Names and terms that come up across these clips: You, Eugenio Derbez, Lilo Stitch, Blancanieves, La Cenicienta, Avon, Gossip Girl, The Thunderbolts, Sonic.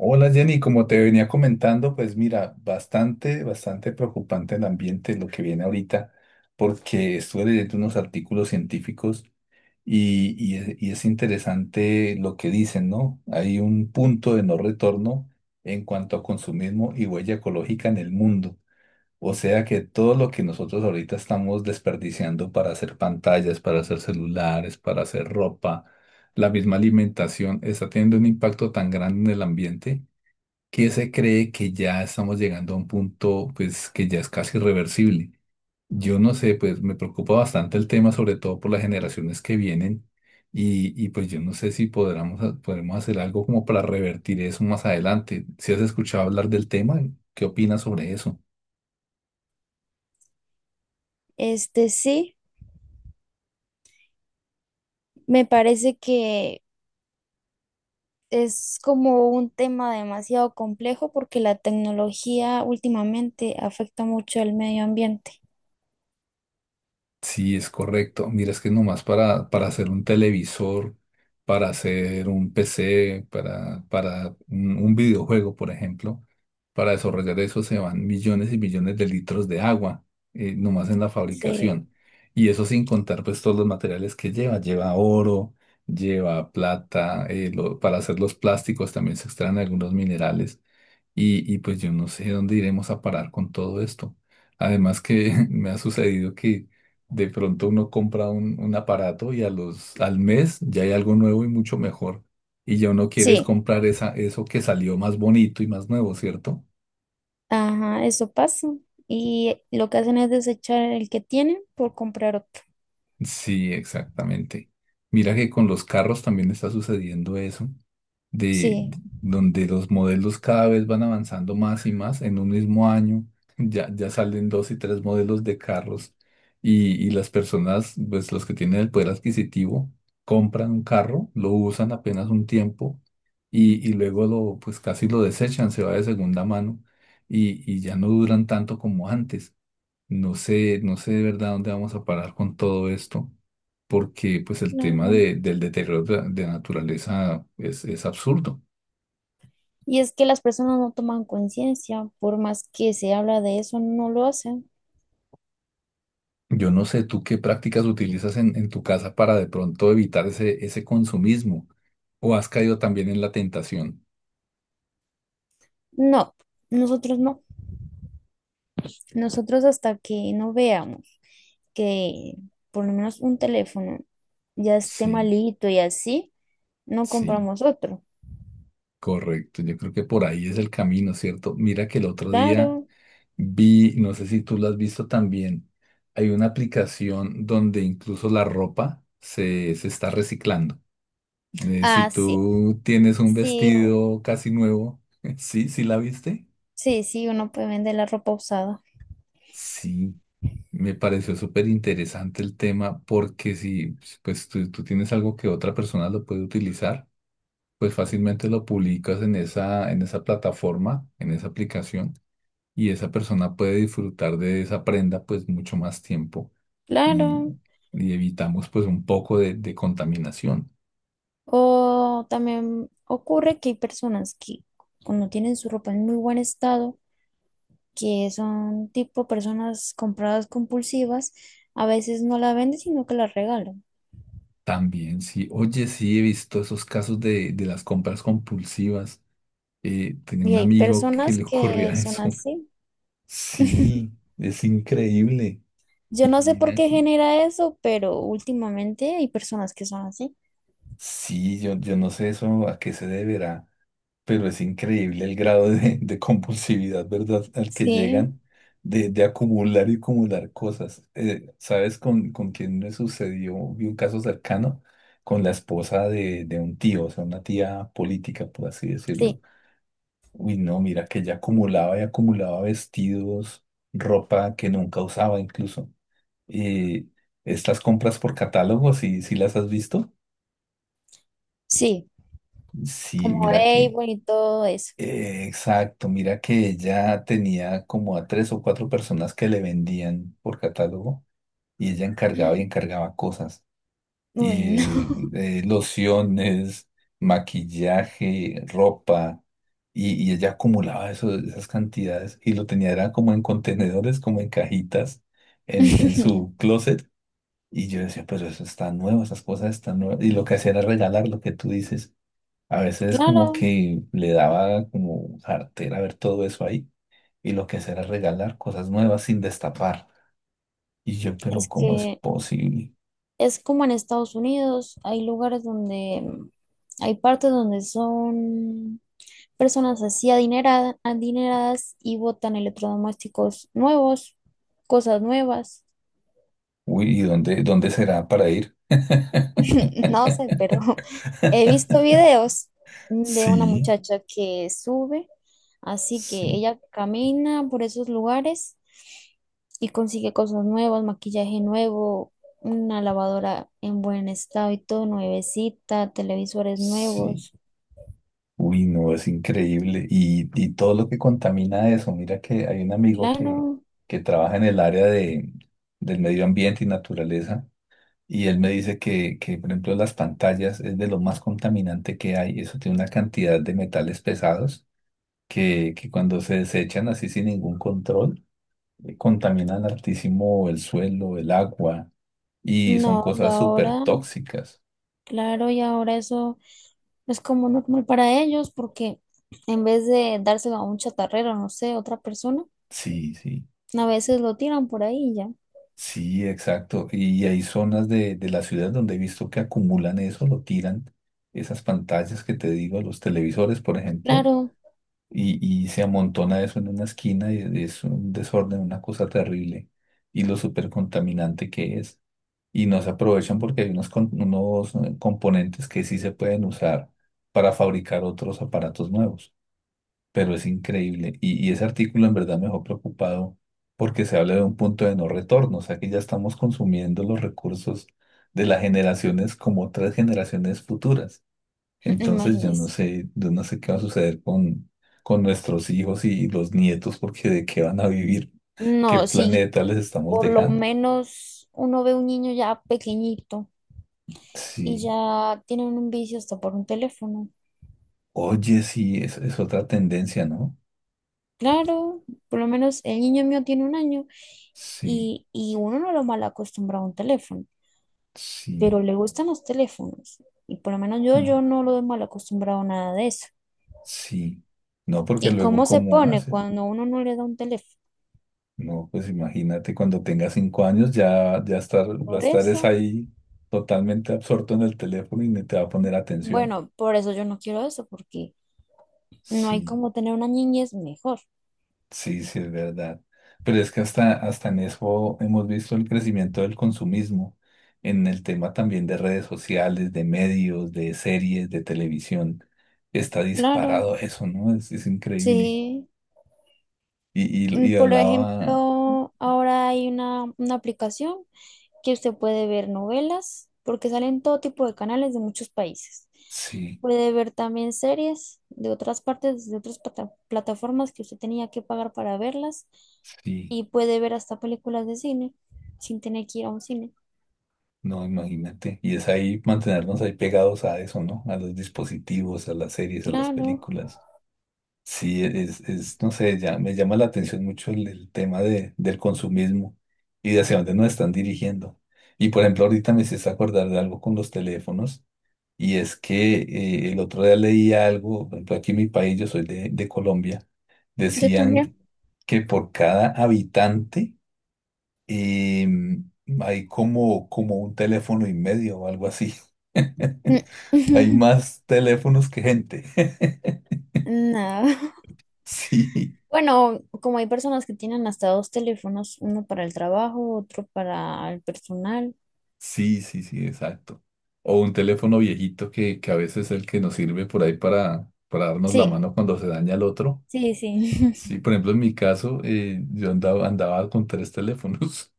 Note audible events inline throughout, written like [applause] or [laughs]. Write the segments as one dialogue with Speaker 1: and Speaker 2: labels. Speaker 1: Hola Jenny, como te venía comentando, pues mira, bastante preocupante el ambiente, lo que viene ahorita, porque estuve leyendo unos artículos científicos y es interesante lo que dicen, ¿no? Hay un punto de no retorno en cuanto a consumismo y huella ecológica en el mundo. O sea que todo lo que nosotros ahorita estamos desperdiciando para hacer pantallas, para hacer celulares, para hacer ropa, la misma alimentación, está teniendo un impacto tan grande en el ambiente que se cree que ya estamos llegando a un punto pues que ya es casi irreversible. Yo no sé, pues me preocupa bastante el tema, sobre todo por las generaciones que vienen pues yo no sé si podremos hacer algo como para revertir eso más adelante. Si has escuchado hablar del tema, ¿qué opinas sobre eso?
Speaker 2: Este sí, me parece que es como un tema demasiado complejo porque la tecnología últimamente afecta mucho al medio ambiente.
Speaker 1: Sí, es correcto. Mira, es que nomás para hacer un televisor, para hacer un PC, para un videojuego, por ejemplo, para desarrollar eso se van millones y millones de litros de agua, nomás en la
Speaker 2: Sí.
Speaker 1: fabricación. Y eso sin contar pues todos los materiales que lleva. Lleva oro, lleva plata, para hacer los plásticos también se extraen algunos minerales. Y pues yo no sé dónde iremos a parar con todo esto. Además que [laughs] me ha sucedido que de pronto uno compra un aparato y a al mes ya hay algo nuevo y mucho mejor. Y ya uno quiere es
Speaker 2: Sí,
Speaker 1: comprar eso que salió más bonito y más nuevo, ¿cierto?
Speaker 2: ajá, eso pasa. Y lo que hacen es desechar el que tienen por comprar otro.
Speaker 1: Sí, exactamente. Mira que con los carros también está sucediendo eso. De
Speaker 2: Sí.
Speaker 1: Donde los modelos cada vez van avanzando más y más en un mismo año. Ya salen dos y tres modelos de carros y las personas, pues los que tienen el poder adquisitivo, compran un carro, lo usan apenas un tiempo y luego pues casi lo desechan, se va de segunda mano y ya no duran tanto como antes. No sé, no sé de verdad dónde vamos a parar con todo esto, porque pues el tema
Speaker 2: Claro.
Speaker 1: del deterioro la de la naturaleza es absurdo.
Speaker 2: Y es que las personas no toman conciencia, por más que se habla de eso, no lo hacen.
Speaker 1: Yo no sé tú qué prácticas utilizas en tu casa para de pronto evitar ese consumismo, o has caído también en la tentación.
Speaker 2: No, nosotros no. Nosotros hasta que no veamos que por lo menos un teléfono ya esté
Speaker 1: Sí,
Speaker 2: malito y así, no
Speaker 1: sí,
Speaker 2: compramos otro.
Speaker 1: correcto. Yo creo que por ahí es el camino, ¿cierto? Mira que el otro día
Speaker 2: Claro.
Speaker 1: vi, no sé si tú lo has visto también, hay una aplicación donde incluso la ropa se está reciclando. De si
Speaker 2: Ah, sí.
Speaker 1: tú tienes un
Speaker 2: Sí, o-
Speaker 1: vestido casi nuevo, [laughs] ¿sí? ¿Sí la viste?
Speaker 2: sí, sí, uno puede vender la ropa usada.
Speaker 1: Sí, me pareció súper interesante el tema porque si pues tú tienes algo que otra persona lo puede utilizar, pues fácilmente lo publicas en en esa plataforma, en esa aplicación, y esa persona puede disfrutar de esa prenda pues mucho más tiempo y,
Speaker 2: Claro.
Speaker 1: y evitamos pues un poco de contaminación.
Speaker 2: O también ocurre que hay personas que cuando tienen su ropa en muy buen estado, que son tipo personas compradas compulsivas, a veces no la venden, sino que la regalan.
Speaker 1: También, sí. Oye, sí, he visto esos casos de las compras compulsivas. Tenía
Speaker 2: Y
Speaker 1: un
Speaker 2: hay
Speaker 1: amigo que
Speaker 2: personas
Speaker 1: le
Speaker 2: que
Speaker 1: ocurría
Speaker 2: son
Speaker 1: eso. [laughs]
Speaker 2: así.
Speaker 1: Sí, es increíble.
Speaker 2: Yo
Speaker 1: Y
Speaker 2: no sé por
Speaker 1: mira
Speaker 2: qué
Speaker 1: que...
Speaker 2: genera eso, pero últimamente hay personas que son así.
Speaker 1: Sí, yo no sé eso a qué se deberá, pero es increíble el grado de compulsividad, ¿verdad? Al que
Speaker 2: Sí,
Speaker 1: llegan de acumular y acumular cosas. ¿Sabes con quién me sucedió? Vi un caso cercano con la esposa de un tío, o sea, una tía política, por así decirlo.
Speaker 2: sí,
Speaker 1: Uy, no, mira que ella acumulaba y acumulaba vestidos, ropa que nunca usaba incluso. Eh, estas compras por catálogo, si las has visto?
Speaker 2: sí,
Speaker 1: Sí,
Speaker 2: como
Speaker 1: mira que...
Speaker 2: Avon y todo eso.
Speaker 1: exacto, mira que ella tenía como a tres o cuatro personas que le vendían por catálogo y ella encargaba y
Speaker 2: [gasps]
Speaker 1: encargaba cosas.
Speaker 2: Uy, no.
Speaker 1: Y lociones, maquillaje, ropa, y ella acumulaba eso, esas cantidades y lo tenía era como en contenedores, como en cajitas en
Speaker 2: [laughs]
Speaker 1: su closet. Y yo decía, pero eso está nuevo, esas cosas están nuevas. Y lo que hacía era regalar lo que tú dices. A veces
Speaker 2: Claro,
Speaker 1: como que le daba como jartera ver todo eso ahí. Y lo que hacía era regalar cosas nuevas sin destapar. Y yo, pero
Speaker 2: es
Speaker 1: ¿cómo es
Speaker 2: que
Speaker 1: posible?
Speaker 2: es como en Estados Unidos, hay lugares donde, hay partes donde son personas así adineradas, adineradas y botan electrodomésticos nuevos, cosas nuevas.
Speaker 1: Uy, ¿y dónde será para ir?
Speaker 2: [laughs] No sé, pero [laughs] he visto videos de una
Speaker 1: Sí,
Speaker 2: muchacha que sube, así que
Speaker 1: sí,
Speaker 2: ella camina por esos lugares y consigue cosas nuevas, maquillaje nuevo, una lavadora en buen estado y todo, nuevecita, televisores
Speaker 1: sí.
Speaker 2: nuevos.
Speaker 1: Uy, no, es increíble. Y todo lo que contamina eso. Mira que hay un amigo
Speaker 2: Claro,
Speaker 1: que trabaja en el área del medio ambiente y naturaleza. Y él me dice que, por ejemplo, las pantallas es de lo más contaminante que hay. Eso tiene una cantidad de metales pesados que cuando se desechan así sin ningún control, contaminan altísimo el suelo, el agua y son
Speaker 2: no, y
Speaker 1: cosas súper
Speaker 2: ahora,
Speaker 1: tóxicas.
Speaker 2: claro, y ahora eso es como normal para ellos porque en vez de dárselo a un chatarrero, no sé, otra persona,
Speaker 1: Sí, sí.
Speaker 2: a veces lo tiran por ahí y ya.
Speaker 1: Sí, exacto. Y hay zonas de la ciudad donde he visto que acumulan eso, lo tiran, esas pantallas que te digo, los televisores, por ejemplo,
Speaker 2: Claro.
Speaker 1: y se amontona eso en una esquina y es un desorden, una cosa terrible. Y lo súper contaminante que es. Y no se aprovechan porque hay unos componentes que sí se pueden usar para fabricar otros aparatos nuevos, pero es increíble. Y ese artículo en verdad me dejó preocupado porque se habla de un punto de no retorno, o sea que ya estamos consumiendo los recursos de las generaciones como otras generaciones futuras.
Speaker 2: [laughs]
Speaker 1: Entonces
Speaker 2: Imagínese.
Speaker 1: yo no sé qué va a suceder con nuestros hijos y los nietos, porque de qué van a vivir, qué
Speaker 2: No, si
Speaker 1: planeta les estamos
Speaker 2: por lo
Speaker 1: dejando.
Speaker 2: menos uno ve un niño ya pequeñito y
Speaker 1: Sí.
Speaker 2: ya tienen un vicio hasta por un teléfono.
Speaker 1: Oye, sí, es otra tendencia, ¿no?
Speaker 2: Claro, por lo menos el niño mío tiene 1 año
Speaker 1: Sí,
Speaker 2: y uno no lo mal acostumbra a un teléfono,
Speaker 1: sí,
Speaker 2: pero le gustan los teléfonos. Y por lo menos yo,
Speaker 1: mm,
Speaker 2: yo no lo he mal acostumbrado a nada de eso.
Speaker 1: sí. No, porque
Speaker 2: ¿Y
Speaker 1: luego,
Speaker 2: cómo se
Speaker 1: ¿cómo
Speaker 2: pone
Speaker 1: haces?
Speaker 2: cuando uno no le da un teléfono?
Speaker 1: No, pues imagínate cuando tenga cinco años ya, va a
Speaker 2: Por
Speaker 1: estar es
Speaker 2: eso,
Speaker 1: ahí totalmente absorto en el teléfono y ni te va a poner atención.
Speaker 2: bueno, por eso yo no quiero eso, porque no hay
Speaker 1: Sí,
Speaker 2: como tener una niñez mejor.
Speaker 1: sí, sí, es verdad. Pero es que hasta, hasta en eso hemos visto el crecimiento del consumismo, en el tema también de redes sociales, de medios, de series, de televisión. Está
Speaker 2: Claro.
Speaker 1: disparado eso, ¿no? Es increíble.
Speaker 2: Sí.
Speaker 1: Y, y,
Speaker 2: Mm,
Speaker 1: y
Speaker 2: por
Speaker 1: hablaba,
Speaker 2: ejemplo, ahora hay una aplicación que usted puede ver novelas, porque salen todo tipo de canales de muchos países.
Speaker 1: sí,
Speaker 2: Puede ver también series de otras partes, de otras plata- plataformas que usted tenía que pagar para verlas.
Speaker 1: sí.
Speaker 2: Y puede ver hasta películas de cine sin tener que ir a un cine.
Speaker 1: No, imagínate. Y es ahí mantenernos ahí pegados a eso, ¿no? A los dispositivos, a las series, a las
Speaker 2: Claro,
Speaker 1: películas. Sí, no sé, ya me llama la atención mucho el tema del consumismo y de hacia dónde nos están dirigiendo. Y por ejemplo, ahorita me hiciste acordar de algo con los teléfonos y es que el otro día leí algo, por ejemplo, aquí en mi país, yo soy de Colombia,
Speaker 2: yo
Speaker 1: decían
Speaker 2: también.
Speaker 1: que por cada habitante y hay como un teléfono y medio o algo así. [laughs]
Speaker 2: Mm.
Speaker 1: Hay
Speaker 2: [laughs]
Speaker 1: más teléfonos que gente. [laughs]
Speaker 2: No.
Speaker 1: Sí,
Speaker 2: Bueno, como hay personas que tienen hasta 2 teléfonos, uno para el trabajo, otro para el personal.
Speaker 1: sí, sí, sí, exacto. O un teléfono viejito que a veces es el que nos sirve por ahí para darnos la
Speaker 2: Sí,
Speaker 1: mano cuando se daña el otro.
Speaker 2: sí, sí.
Speaker 1: Sí, por ejemplo, en mi caso, andaba con tres teléfonos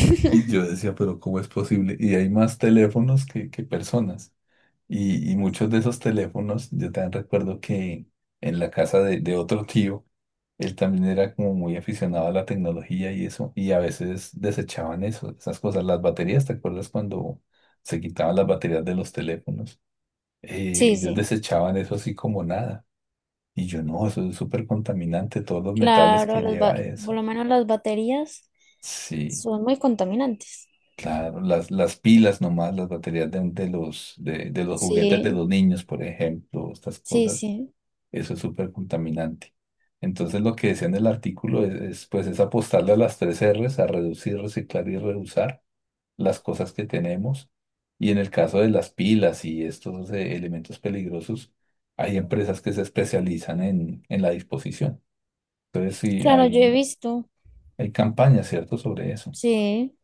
Speaker 1: [laughs] y yo decía, pero ¿cómo es posible? Y hay más teléfonos que personas. Y muchos de esos teléfonos, yo también recuerdo que en la casa de otro tío, él también era como muy aficionado a la tecnología y eso, y a veces desechaban eso, esas cosas, las baterías, ¿te acuerdas cuando se quitaban las baterías de los teléfonos?
Speaker 2: Sí,
Speaker 1: Ellos
Speaker 2: sí.
Speaker 1: desechaban eso así como nada. Y yo no, eso es súper contaminante, todos los metales
Speaker 2: Claro,
Speaker 1: que
Speaker 2: las
Speaker 1: lleva
Speaker 2: ba- por
Speaker 1: eso.
Speaker 2: lo menos las baterías
Speaker 1: Sí,
Speaker 2: son muy contaminantes.
Speaker 1: claro, las pilas nomás, las baterías de de los juguetes de
Speaker 2: Sí,
Speaker 1: los niños, por ejemplo, estas
Speaker 2: sí,
Speaker 1: cosas.
Speaker 2: sí.
Speaker 1: Eso es súper contaminante. Entonces lo que decía en el artículo es pues es apostarle a las tres R's, a reducir, reciclar y reusar las cosas que tenemos. Y en el caso de las pilas y estos elementos peligrosos, hay empresas que se especializan en la disposición. Entonces sí,
Speaker 2: Claro, yo he
Speaker 1: hay,
Speaker 2: visto.
Speaker 1: hay campañas, ¿cierto?, sobre eso.
Speaker 2: Sí,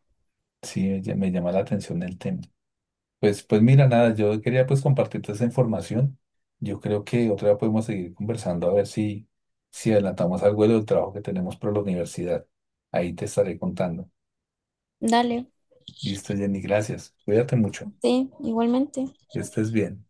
Speaker 1: Sí, me llama la atención el tema. Pues mira, nada, yo quería pues compartirte esa información. Yo creo que otra vez podemos seguir conversando a ver si adelantamos algo de lo del trabajo que tenemos por la universidad. Ahí te estaré contando.
Speaker 2: dale.
Speaker 1: Listo, Jenny, gracias. Cuídate mucho.
Speaker 2: Sí, igualmente.
Speaker 1: Que estés bien.